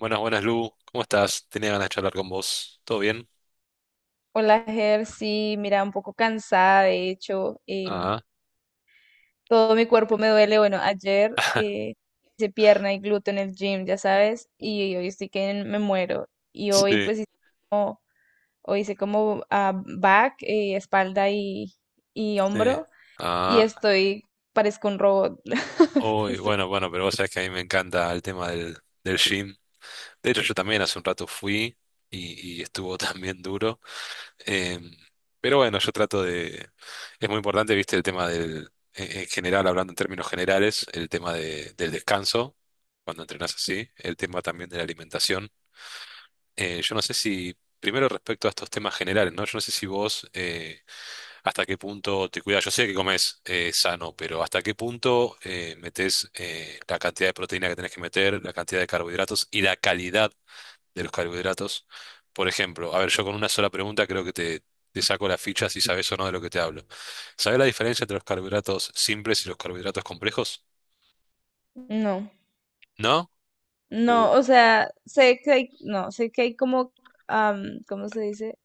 Buenas, buenas, Lu. ¿Cómo estás? Tenía ganas de charlar con vos. ¿Todo bien? Hola, Ger, sí, mira, un poco cansada, de hecho, Ah, todo mi cuerpo me duele. Bueno, ayer hice pierna y glúteo en el gym, ya sabes, y hoy estoy que me muero. Y hoy sí, pues hice como, hoy hice como back, espalda y sí. hombro, y Ah, estoy, parezco un robot. uy, Estoy- bueno, bueno, pero vos sabés que a mí me encanta el tema del, del gym. De hecho, yo también hace un rato fui y estuvo también duro. Em, pero bueno, yo trato de... Es muy importante, viste, el tema del... En general, hablando en términos generales, el tema del descanso, cuando entrenás así, el tema también de la alimentación. Yo no sé si, primero respecto a estos temas generales, ¿no? Yo no sé si vos hasta qué punto te cuidas. Yo sé que comes sano, pero hasta qué punto metes la cantidad de proteína que tenés que meter, la cantidad de carbohidratos y la calidad de los carbohidratos. Por ejemplo, a ver, yo con una sola pregunta creo que te saco la ficha si sabes o no de lo que te hablo. ¿Sabés la diferencia entre los carbohidratos simples y los carbohidratos complejos? No, ¿No? Uh, no, o sea, sé que hay, no, sé que hay ¿cómo se dice?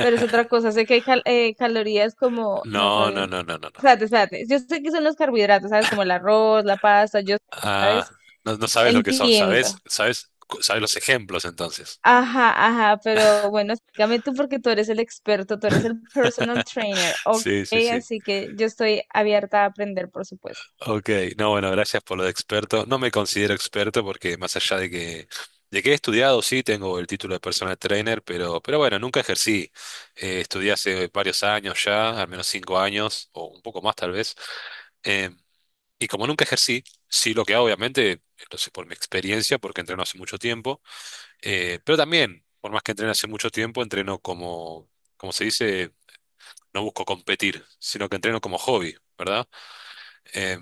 Pero es otra cosa. Sé que hay cal- calorías como, no, no, calorías, no, no. no, no, no, no. Espérate, espérate. Yo sé que son los carbohidratos, ¿sabes? Como el arroz, la pasta, yo, Ah, ¿sabes? no, no sabes lo que son, ¿sabes? Entiendo. ¿Sabes? ¿Sabes los ejemplos entonces? Ajá, ajá, pero bueno, explícame tú porque tú eres el experto, tú eres el personal trainer, ok, Sí, sí, sí. así que yo estoy abierta a aprender, por supuesto. Ok, no, bueno, gracias por lo de experto. No me considero experto porque más allá de que he estudiado, sí, tengo el título de personal trainer, pero bueno, nunca ejercí. Estudié hace varios años ya, al menos 5 años, o un poco más tal vez. Eh, y como nunca ejercí, sí lo que hago, obviamente, lo sé por mi experiencia, porque entreno hace mucho tiempo. Pero también, por más que entrene hace mucho tiempo, entreno como, como se dice, no busco competir, sino que entreno como hobby, ¿verdad? Eh,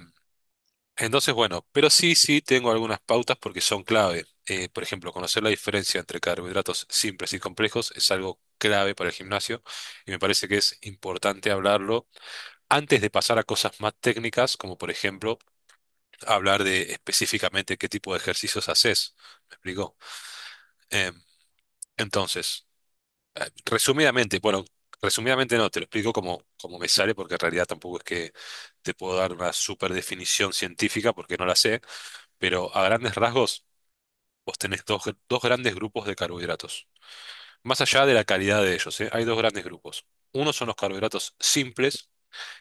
entonces, bueno, pero sí, sí tengo algunas pautas porque son clave. Por ejemplo, conocer la diferencia entre carbohidratos simples y complejos es algo clave para el gimnasio y me parece que es importante hablarlo antes de pasar a cosas más técnicas, como por ejemplo hablar de específicamente qué tipo de ejercicios haces. ¿Me explico? Em, entonces... resumidamente, bueno, resumidamente no, te lo explico como, como me sale, porque en realidad tampoco es que te puedo dar una super definición científica, porque no la sé, pero a grandes rasgos vos tenés dos, dos grandes grupos de carbohidratos. Más allá de la calidad de ellos, ¿eh? Hay dos grandes grupos. Unos son los carbohidratos simples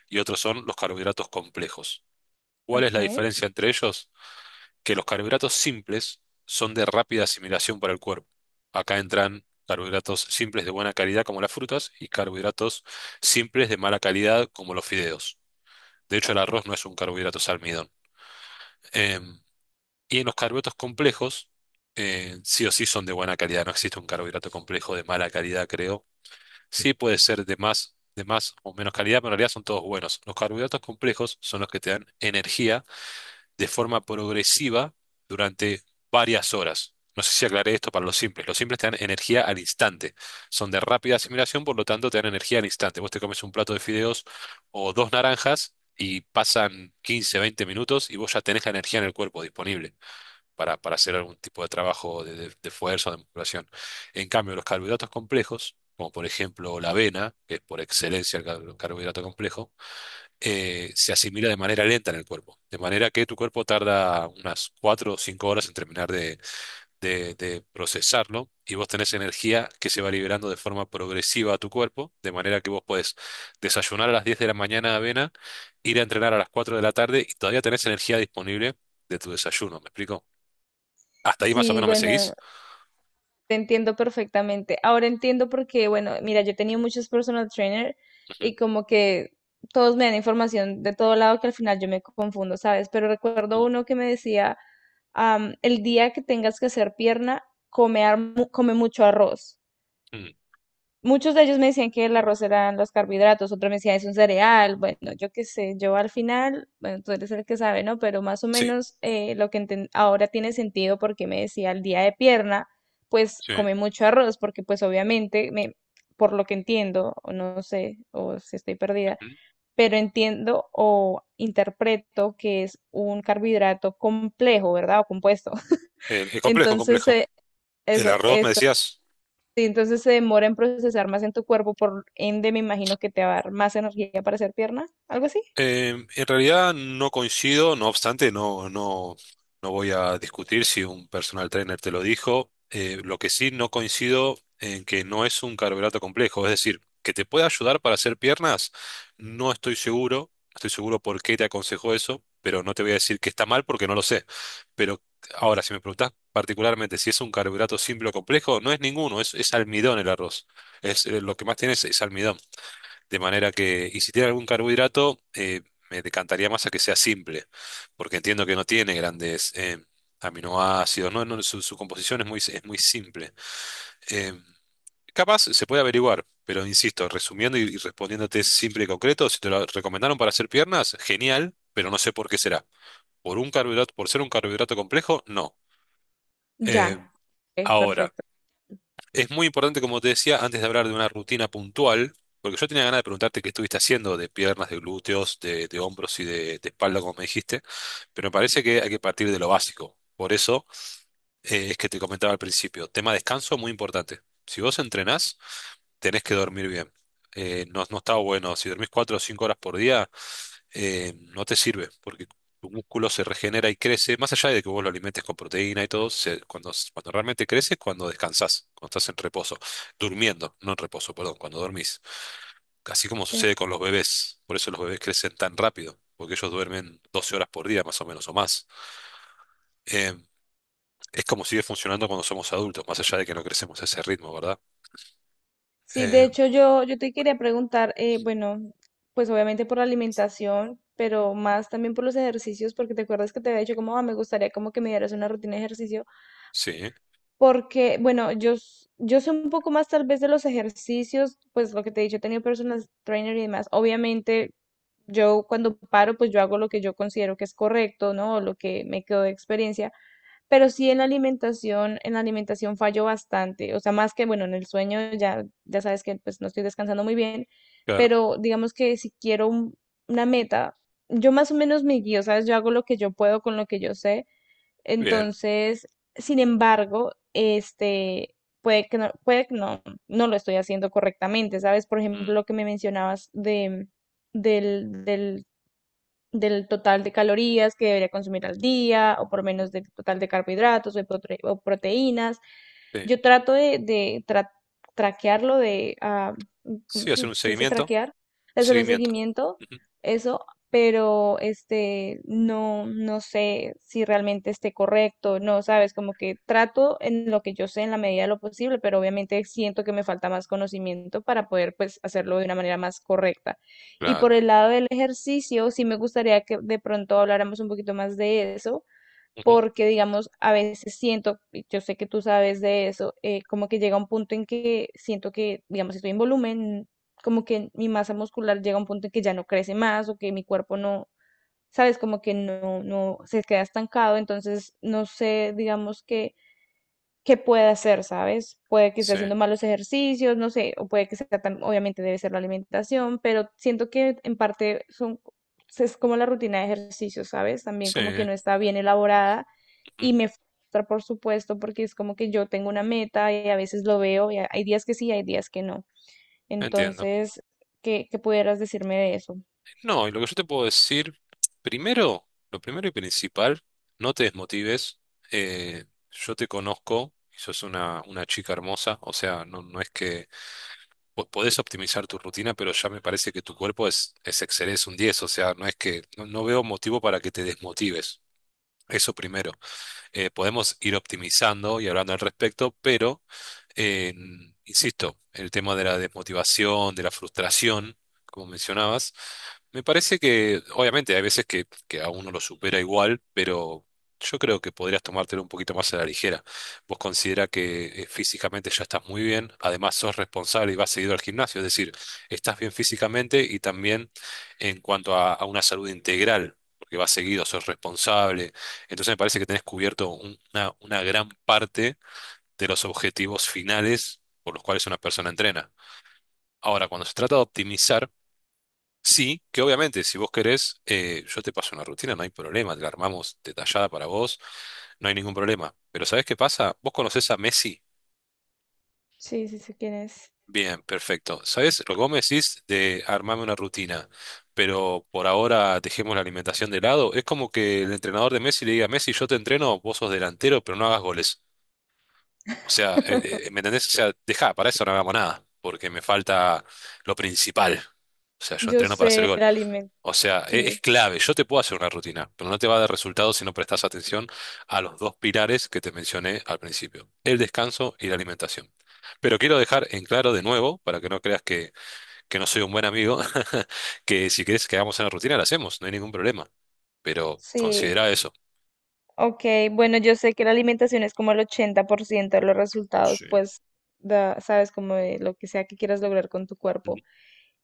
y otros son los carbohidratos complejos. ¿Cuál es la Ok. diferencia entre ellos? Que los carbohidratos simples son de rápida asimilación para el cuerpo. Acá entran carbohidratos simples de buena calidad como las frutas y carbohidratos simples de mala calidad como los fideos. De hecho, el arroz no es un carbohidrato, es almidón. Em, y en los carbohidratos complejos, sí o sí son de buena calidad. No existe un carbohidrato complejo de mala calidad, creo. Sí puede ser de más o menos calidad, pero en realidad son todos buenos. Los carbohidratos complejos son los que te dan energía de forma progresiva durante varias horas. No sé si aclaré esto para los simples. Los simples te dan energía al instante. Son de rápida asimilación, por lo tanto te dan energía al instante. Vos te comes un plato de fideos o dos naranjas y pasan 15 20 minutos y vos ya tenés la energía en el cuerpo disponible para hacer algún tipo de trabajo de fuerza o de musculación. En cambio, los carbohidratos complejos, como por ejemplo la avena, que es por excelencia el carbohidrato complejo, se asimila de manera lenta en el cuerpo. De manera que tu cuerpo tarda unas 4 o 5 horas en terminar de, de procesarlo y vos tenés energía que se va liberando de forma progresiva a tu cuerpo. De manera que vos podés desayunar a las 10 de la mañana avena, ir a entrenar a las 4 de la tarde y todavía tenés energía disponible de tu desayuno. ¿Me explico? Hasta ahí más o Sí, menos me bueno, seguís. te entiendo perfectamente. Ahora entiendo porque, bueno, mira, yo he tenido muchos personal trainer Ujú. y como que todos me dan información de todo lado que al final yo me confundo, ¿sabes? Pero recuerdo uno que me decía, am, el día que tengas que hacer pierna, come, ar- mu- come mucho arroz. Mm, mm. Muchos de ellos me decían que el arroz eran los carbohidratos, otros me decían es un cereal, bueno, yo qué sé, yo al final, bueno, tú eres el que sabe, ¿no? Pero más o Sí, menos lo que enten- ahora tiene sentido porque me decía el día de pierna, pues sí. come mucho arroz, porque pues obviamente, me, por lo que entiendo, o no sé, o si estoy perdida, Ujú. pero entiendo o interpreto que es un carbohidrato complejo, ¿verdad? O compuesto. Es complejo, Entonces, complejo. El eso, arroz, me decías. sí, entonces se demora en procesar más en tu cuerpo, por ende me imagino que te va a dar más energía para hacer pierna, algo así. En realidad no coincido, no obstante, no, no, no voy a discutir si un personal trainer te lo dijo. Lo que sí no coincido en que no es un carbohidrato complejo, es decir, que te puede ayudar para hacer piernas, no estoy seguro, estoy seguro por qué te aconsejó eso, pero no te voy a decir que está mal porque no lo sé. Pero ahora, si me preguntás particularmente si es un carbohidrato simple o complejo, no es ninguno, es almidón el arroz. Es, lo que más tiene es almidón. De manera que, y si tiene algún carbohidrato, me decantaría más a que sea simple, porque entiendo que no tiene grandes aminoácidos, ¿no? No, su composición es muy simple. Eh, Capaz se puede averiguar, pero insisto, resumiendo y respondiéndote simple y concreto, si te lo recomendaron para hacer piernas, genial, pero no sé por qué será. Por un carbohidrato, por ser un carbohidrato complejo, no. Eh, Ya, es Ahora. perfecto. Es muy importante, como te decía, antes de hablar de una rutina puntual, porque yo tenía ganas de preguntarte qué estuviste haciendo de piernas, de glúteos, de hombros y de espalda, como me dijiste, pero me parece que hay que partir de lo básico. Por eso es que te comentaba al principio, tema descanso muy importante. Si vos entrenás, tenés que dormir bien. No, no está bueno, si dormís 4 o 5 horas por día, no te sirve, porque tu músculo se regenera y crece, más allá de que vos lo alimentes con proteína y todo, se- cuando, cuando realmente crece es cuando descansás, cuando estás en reposo, durmiendo, no en reposo, perdón, cuando dormís. Así como Sí, sucede con los bebés, por eso los bebés crecen tan rápido, porque ellos duermen 12 horas por día más o menos o más. Eh, es como sigue funcionando cuando somos adultos, más allá de que no crecemos a ese ritmo, ¿verdad? sí, de Eh, hecho yo, yo te quería preguntar, bueno, pues obviamente por la alimentación, pero más también por los ejercicios, porque te acuerdas que te había dicho como, "Ah, me gustaría como que me dieras una rutina de ejercicio". sí, Porque, bueno, yo, s- yo sé un poco más tal vez de los ejercicios, pues lo que te he dicho, he tenido personal trainer y demás. Obviamente, yo cuando paro, pues yo hago lo que yo considero que es correcto, ¿no? O lo que me quedó de experiencia. Pero sí en la alimentación fallo bastante. O sea, más que, bueno, en el sueño ya, ya sabes que pues no estoy descansando muy bien, claro, pero digamos que si quiero un- una meta, yo más o menos me guío, ¿sabes? Yo hago lo que yo puedo con lo que yo sé bien. entonces, sin embargo, este, puede que no, no lo estoy haciendo correctamente, ¿sabes? Por Mm, ejemplo, lo que me mencionabas de, del, del del total de calorías que debería consumir al día, o por mm, menos del total de carbohidratos o, de prote- o proteínas. sí, Yo trato de tra- traquearlo, de, ah, ¿cómo sí, hacer se, un se dice seguimiento, traquear? De hacer un seguimiento. seguimiento, Ujú, eso, pero este, no, no sé si realmente esté correcto, no, sabes, como que trato en lo que yo sé en la medida de lo posible, pero obviamente siento que me falta más conocimiento para poder, pues, hacerlo de una manera más correcta. Y por claro. el lado del ejercicio, sí me gustaría que de pronto habláramos un poquito más de eso, Ujú. porque digamos, a veces siento, y yo sé que tú sabes de eso, como que llega un punto en que siento que, digamos, si estoy en volumen, como que mi masa muscular llega a un punto en que ya no crece más o que mi cuerpo no, sabes, como que no, no se queda estancado, entonces no sé, digamos que puede hacer, ¿sabes? Puede que esté Sí, haciendo malos ejercicios, no sé, o puede que sea, tam- obviamente debe ser la alimentación, pero siento que en parte son, es como la rutina de ejercicios, ¿sabes? También sí, como que no está bien elaborada ujú, y me frustra, por supuesto, porque es como que yo tengo una meta y a veces lo veo y a- hay días que sí, hay días que no. entiendo. Entonces, ¿qué, qué pudieras decirme de eso? No, y lo que yo te puedo decir, primero, lo primero y principal, no te desmotives. eh, yo te conozco y sos una chica hermosa, o sea, no, no es que podés optimizar tu rutina, pero ya me parece que tu cuerpo es excelente, es un 10, o sea, no es que, no, no veo motivo para que te desmotives. Eso primero. Podemos ir optimizando y hablando al respecto, pero Eh, insisto, el tema de la desmotivación, de la frustración, como mencionabas, me parece que, obviamente, hay veces que a uno lo supera igual, pero yo creo que podrías tomártelo un poquito más a la ligera. Vos considera que físicamente ya estás muy bien, además sos responsable y vas seguido al gimnasio, es decir, estás bien físicamente y también en cuanto a una salud integral. Porque vas seguido, sos responsable. Entonces me parece que tenés cubierto un- una gran parte de los objetivos finales por los cuales una persona entrena. Ahora, cuando se trata de optimizar, sí, que obviamente si vos querés, yo te paso una rutina, no hay problema, te la armamos detallada para vos, no hay ningún problema. Pero ¿sabés qué pasa? ¿Vos conocés a Messi? Sí, sí sé quién es. Bien, perfecto. ¿Sabés lo que vos me decís de armarme una rutina? Pero por ahora dejemos la alimentación de lado. Es como que el entrenador de Messi le diga, Messi, yo te entreno, vos sos delantero, pero no hagas goles. O sea, ¿me entendés? O sea, deja, para eso no hagamos nada, porque me falta lo principal. O sea, yo Yo entreno para hacer sé gol. el alimento, O sea, es, sí. clave. Yo te puedo hacer una rutina, pero no te va a dar resultado si no prestas atención a los dos pilares que te mencioné al principio, el descanso y la alimentación. Pero quiero dejar en claro de nuevo, para que no creas que no soy un buen amigo, que si quieres que hagamos una rutina, la hacemos, no hay ningún problema. Pero Sí, considera eso. ok, bueno, yo sé que la alimentación es como el 80% de los resultados, Sí. pues, da- sabes, como de lo que sea que quieras lograr con tu Ujú. cuerpo.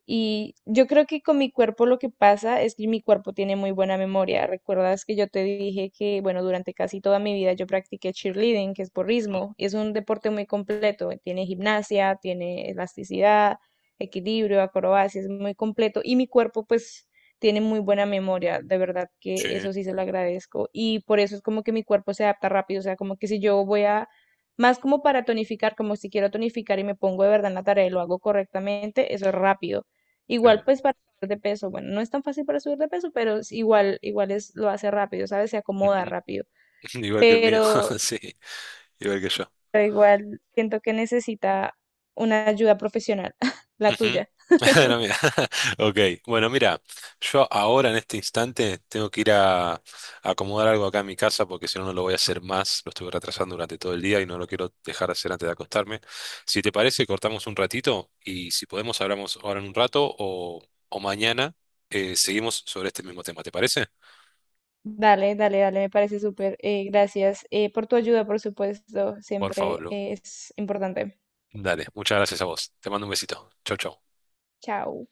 Y yo creo que con mi cuerpo lo que pasa es que mi cuerpo tiene muy buena memoria. ¿Recuerdas que yo te dije que, bueno, durante casi toda mi vida yo practiqué cheerleading, que es porrismo, y es un deporte muy completo? Tiene gimnasia, tiene elasticidad, equilibrio, acrobacia, es muy completo. Y mi cuerpo, pues, tiene muy buena memoria, de verdad que Sí, eso sí se lo agradezco. Y por eso es como que mi cuerpo se adapta rápido, o sea, como que si yo voy a, más como para tonificar, como si quiero tonificar y me pongo de verdad en la tarea y lo hago correctamente, eso es rápido. Igual sí. pues para subir de peso, bueno, no es tan fácil para subir de peso, pero es igual, igual es, lo hace rápido, ¿sabes? Se acomoda Ujú. rápido. Igual que el mío, Pero, sí. Igual que yo. pero igual siento que necesita una ayuda profesional, la Ujú. tuya. No, mira. Ok, bueno, mira, yo ahora en este instante tengo que ir a acomodar algo acá en mi casa porque si no, no lo voy a hacer más. Lo estuve retrasando durante todo el día y no lo quiero dejar de hacer antes de acostarme. Si te parece, cortamos un ratito y si podemos, hablamos ahora en un rato o mañana seguimos sobre este mismo tema. ¿Te parece? Dale, dale, dale, me parece súper. Gracias por tu ayuda, por supuesto, Por favor, siempre Lu. Es importante. Dale, muchas gracias a vos. Te mando un besito. Chau, chau. Chao.